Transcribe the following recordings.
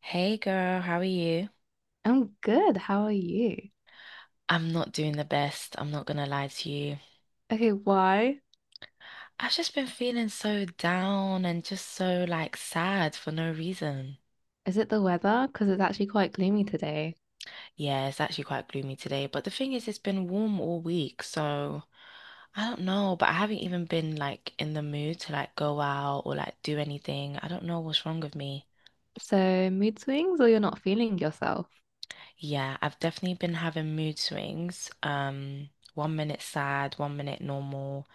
Hey girl, how are you? I'm good. How are you? I'm not doing the best. I'm not gonna lie to you. Okay, why? I've just been feeling so down and just so like sad for no reason. Is it the weather? Because it's actually quite gloomy today. Yeah, it's actually quite gloomy today, but the thing is, it's been warm all week, so I don't know, but I haven't even been like in the mood to like go out or like do anything. I don't know what's wrong with me. So, mood swings or you're not feeling yourself? Yeah, I've definitely been having mood swings. One minute sad, one minute normal.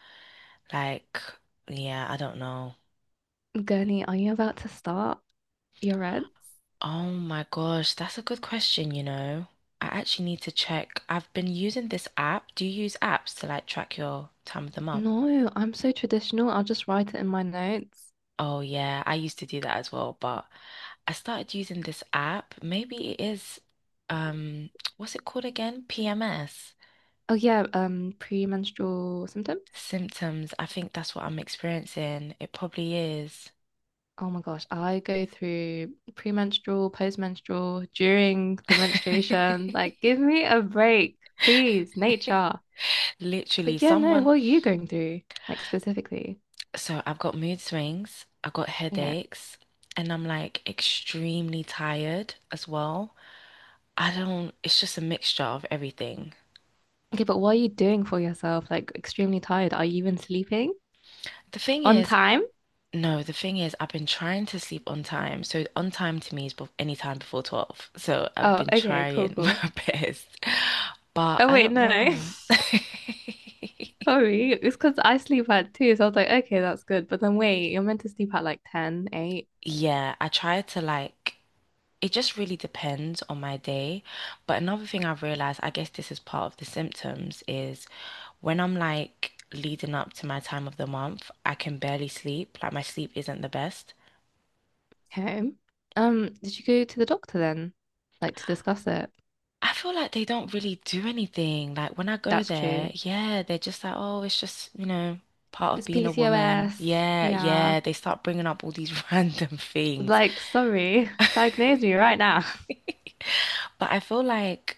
Like, yeah, I don't know. Gurney, are you about to start your reds? Oh my gosh, that's a good question. I actually need to check. I've been using this app. Do you use apps to like track your time of the month? No, I'm so traditional. I'll just write it in my notes. Oh yeah, I used to do that as well, but I started using this app. Maybe it is um what's it called again? PMS. Oh yeah, premenstrual symptoms. Symptoms. I think that's what I'm experiencing. It probably is. Oh my gosh, I go through premenstrual, postmenstrual, during the menstruation. Like, give me a break, please, nature. Literally, But yeah, no, someone. what are you going through? Like specifically? So I've got mood swings, I've got Yeah. headaches, and I'm like extremely tired as well. I don't, it's just a mixture of everything. Okay, but what are you doing for yourself? Like extremely tired. Are you even sleeping The thing on is, time? no, the thing is, I've been trying to sleep on time. So on time to me is any time before 12. So I've Oh, been okay, cool, trying cool. my best, but Oh I wait, don't no. know. Sorry. It's because I sleep at two, so I was like, okay, that's good. But then wait, you're meant to sleep at like 10, eight. Yeah, I try to like it just really depends on my day. But another thing I've realized, I guess this is part of the symptoms, is when I'm like leading up to my time of the month, I can barely sleep. Like my sleep isn't the best. Okay. Did you go to the doctor then? Like to discuss it? I feel like they don't really do anything. Like when I go That's there, true. yeah, they're just like, oh, it's just, part of It's being a woman. PCOS. Yeah, Yeah. yeah. They start bringing up all these random things. Like, sorry. Diagnose me right now. But I feel like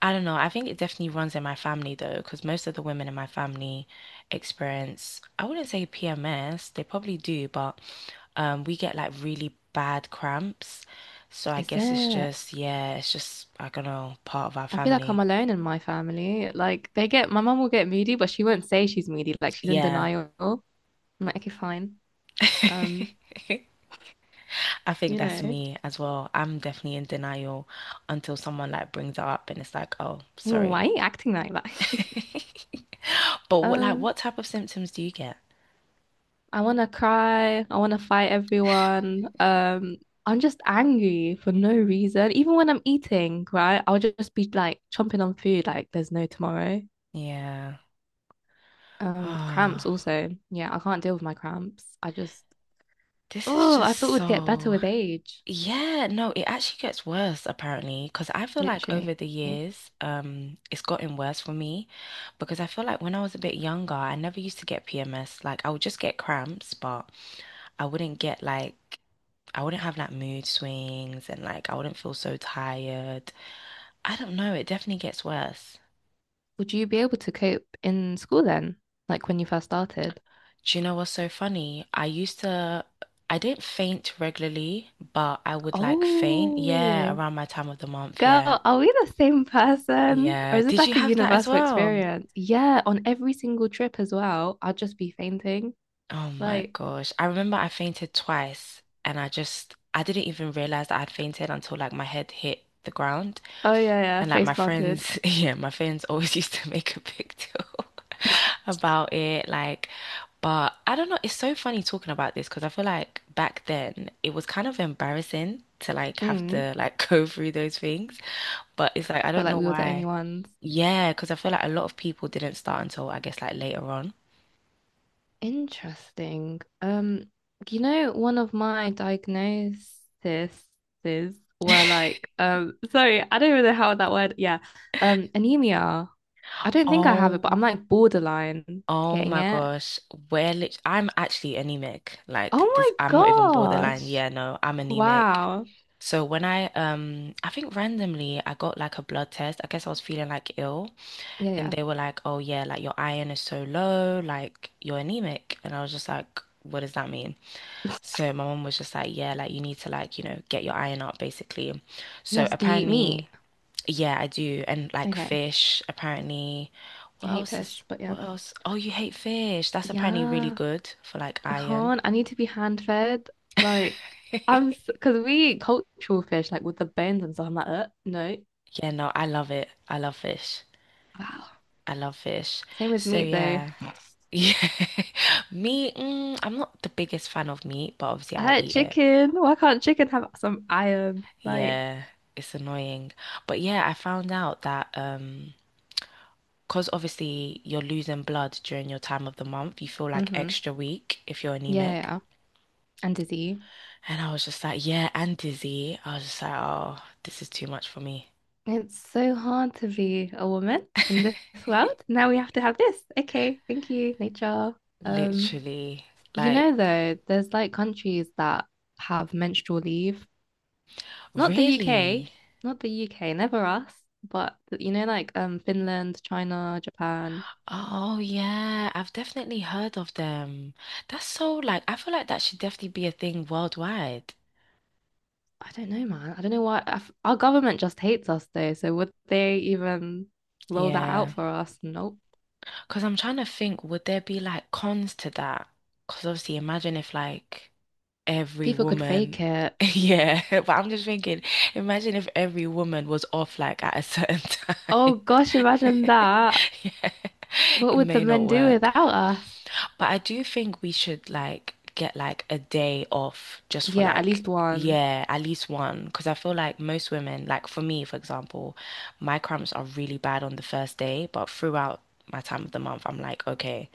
I don't know. I think it definitely runs in my family though, because most of the women in my family experience, I wouldn't say PMS, they probably do, but we get like really bad cramps. So I Is guess it's it? just, yeah, it's just, I don't know, part of our I feel like I'm family. alone in my family. Like they get my mum will get moody, but she won't say she's moody. Like she's in Yeah. denial. I'm like, okay, fine. Um, I think you that's know, me as well. I'm definitely in denial until someone like brings it up and it's like, oh, sorry. why are you acting like that? But what, like, Um, what type of symptoms do you get? I wanna cry. I wanna fight everyone. I'm just angry for no reason. Even when I'm eating, right? I'll just be like chomping on food, like there's no tomorrow. Yeah. Cramps also. Yeah, I can't deal with my cramps. I just, This is oh, I just thought it would get better so, with age, yeah, no, it actually gets worse apparently because I feel like over literally. the years, it's gotten worse for me because I feel like when I was a bit younger, I never used to get PMS. Like I would just get cramps, but I wouldn't get like I wouldn't have like mood swings and like I wouldn't feel so tired. I don't know, it definitely gets worse. Would you be able to cope in school then? Like when you first started? Do you know what's so funny? I used to I didn't faint regularly, but I would like faint, yeah, Oh, around my time of the month, girl, yeah. are we the same person? Or Yeah. is this Did you like a have that as universal well? experience? Yeah, on every single trip as well, I'd just be fainting. Oh my Like, gosh. I remember I fainted twice and I just I didn't even realize that I would fainted until like my head hit the ground. oh yeah, yeah, And like face my planted. friends, yeah, my friends always used to make a big deal about it. Like, but I don't know, it's so funny talking about this because I feel like back then it was kind of embarrassing to like have Mm. to like go through those things. But it's like I But don't like know we were the only why. ones. Yeah, because I feel like a lot of people didn't start until I guess like later on. Interesting. One of my diagnoses were like, sorry, I don't even know how that word, yeah, anemia. I don't think I have it, but I'm Oh, like borderline oh getting my it. gosh. We're lit I'm actually anemic. Like Oh this, my I'm not even borderline. gosh. Yeah, no, I'm anemic. Wow. So when I think randomly I got like a blood test. I guess I was feeling like ill Yeah, and yeah. they were like, "Oh yeah, like your iron is so low, like you're anemic." And I was just like, "What does that mean?" So my mom was just like, "Yeah, like you need to like, get your iron up basically." So Yes, do you eat meat? apparently yeah, I do. And like Okay. fish, apparently. I What hate else fish, is but yeah. what else? Oh, you hate fish. That's apparently really Yeah, good for like I iron. can't. I need to be hand fed. Like, I'm because we eat cultural fish, like with the bones and stuff. I'm like, no. Yeah, no, I love it. I love fish. Wow. I love fish. Same with So meat though. yeah. Yeah. Meat, mm, I'm not the biggest fan of meat, but obviously I I like eat it. chicken. Why can't chicken have some iron? Like, Yeah, it's annoying. But yeah, I found out that cause obviously you're losing blood during your time of the month, you feel like hmm. extra weak if you're anemic. Yeah, and disease. And I was just like, yeah, and dizzy. I was just like, oh, this is too much for me. It's so hard to be a woman in this world. Now we have to have this. Okay, thank you, nature. Um, Literally. Like, there's like countries that have menstrual leave. Not the UK, really? not the UK, never us, but like Finland, China, Japan. Oh, yeah. I've definitely heard of them. That's so, like, I feel like that should definitely be a thing worldwide. I don't know, man. I don't know why I f- Our government just hates us though. So would they even roll that out Yeah. for us? Nope. Because I'm trying to think, would there be like cons to that? Because obviously, imagine if like every People could woman, fake it. yeah, but I'm just thinking, imagine if every woman was off like at a certain time. Oh gosh, imagine that. Yeah, What it would the may not men do work. without us? But I do think we should like get like a day off just for Yeah, at like, least one. yeah, at least one. Because I feel like most women, like for me, for example, my cramps are really bad on the first day, but throughout my time of the month, I'm like, okay,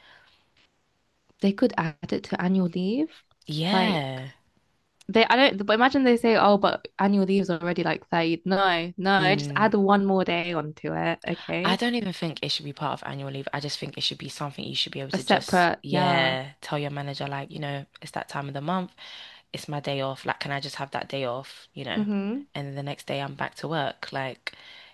They could add it to annual leave. Like yeah. they, I don't, but imagine they say, oh, but annual leave is already like 30. No, no, just Mm. add one more day onto it. I Okay. don't even think it should be part of annual leave. I just think it should be something you should be able A to just, separate, yeah. yeah, tell your manager, like, it's that time of the month. It's my day off. Like, can I just have that day off? Mm-hmm. And then the next day I'm back to work. Like,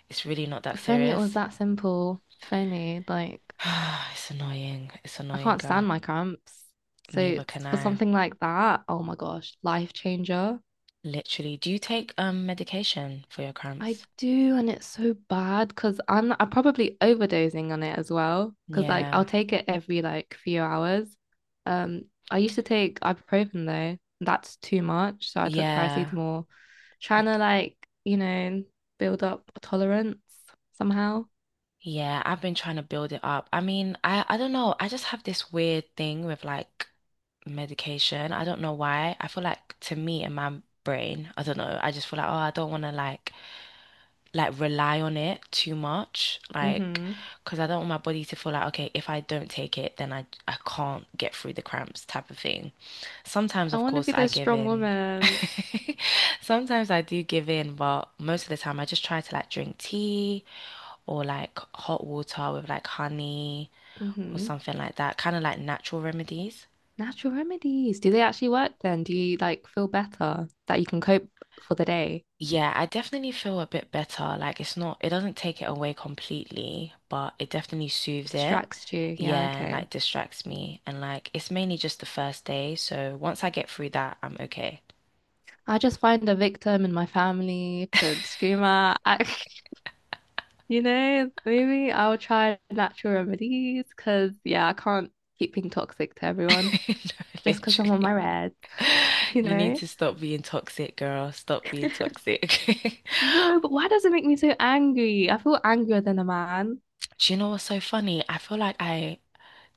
it's really not that If only it was serious. that simple. If only, like, It's annoying. It's I annoying, can't girl. stand my cramps. So Neither it's can for I. something like that, oh my gosh, life changer. Literally. Do you take medication for your I cramps? do, and it's so bad because I'm probably overdosing on it as well. Because like Yeah. I'll take it every like few hours. Um, I used to take ibuprofen though. That's too much, so I took Yeah. paracetamol, trying to you know build up a tolerance somehow. Yeah, I've been trying to build it up. I mean, I don't know. I just have this weird thing with like medication. I don't know why. I feel like to me in my brain, I don't know. I just feel like, oh, I don't want to like rely on it too much, like Mm-hmm. because I don't want my body to feel like, okay, if I don't take it, then I can't get through the cramps type of thing. Sometimes, I of want to course, be I this give strong in. woman. Sometimes I do give in, but most of the time I just try to like drink tea or like hot water with like honey or Mm-hmm. something like that, kind of like natural remedies. Natural remedies. Do they actually work then? Do you like feel better that you can cope for the day? Yeah, I definitely feel a bit better. Like it's not, it doesn't take it away completely, but it definitely It soothes it. distracts you. Yeah, Yeah, and okay. like distracts me. And like it's mainly just the first day. So once I get through that, I'm okay. I just find a victim in my family to scream at. I, maybe I'll try natural remedies because, yeah, I can't keep being toxic to everyone No, just because I'm on my literally. red, you You need know? to stop being toxic, girl. Stop being toxic. No, but why does it make me so angry? I feel angrier than a man. Do you know what's so funny? I feel like I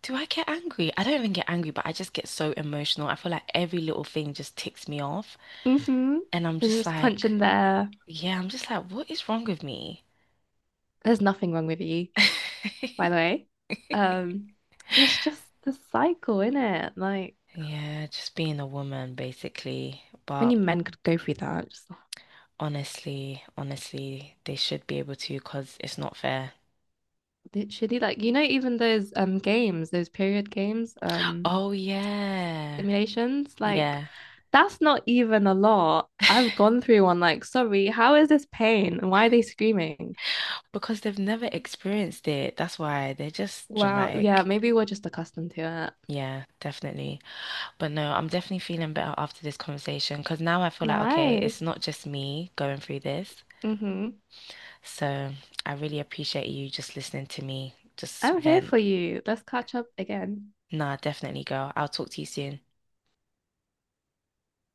do I get angry? I don't even get angry, but I just get so emotional. I feel like every little thing just ticks me off. Mm-hmm. And I'm Then you just just punch in like, the air. yeah, I'm just like, what is wrong with me? There's nothing wrong with you, by the way. Um, it's just the cycle, isn't it? Like, Yeah, just being a woman basically. if only But men could go through that, just honestly, honestly, they should be able to because it's not fair. literally, like, you know, even those games, those period games, Oh, yeah. simulations, like, Yeah. that's not even a lot. I've gone through one, like, sorry, how is this pain? And why are they screaming? Because they've never experienced it. That's why they're just Wow, yeah, dramatic. maybe we're just accustomed to it. Yeah, definitely. But no, I'm definitely feeling better after this conversation because now I feel like, okay, it's Nice. not just me going through this. Mm-hmm. So I really appreciate you just listening to me just I'm here for vent. you. Let's catch up again. Nah, definitely, girl. I'll talk to you soon.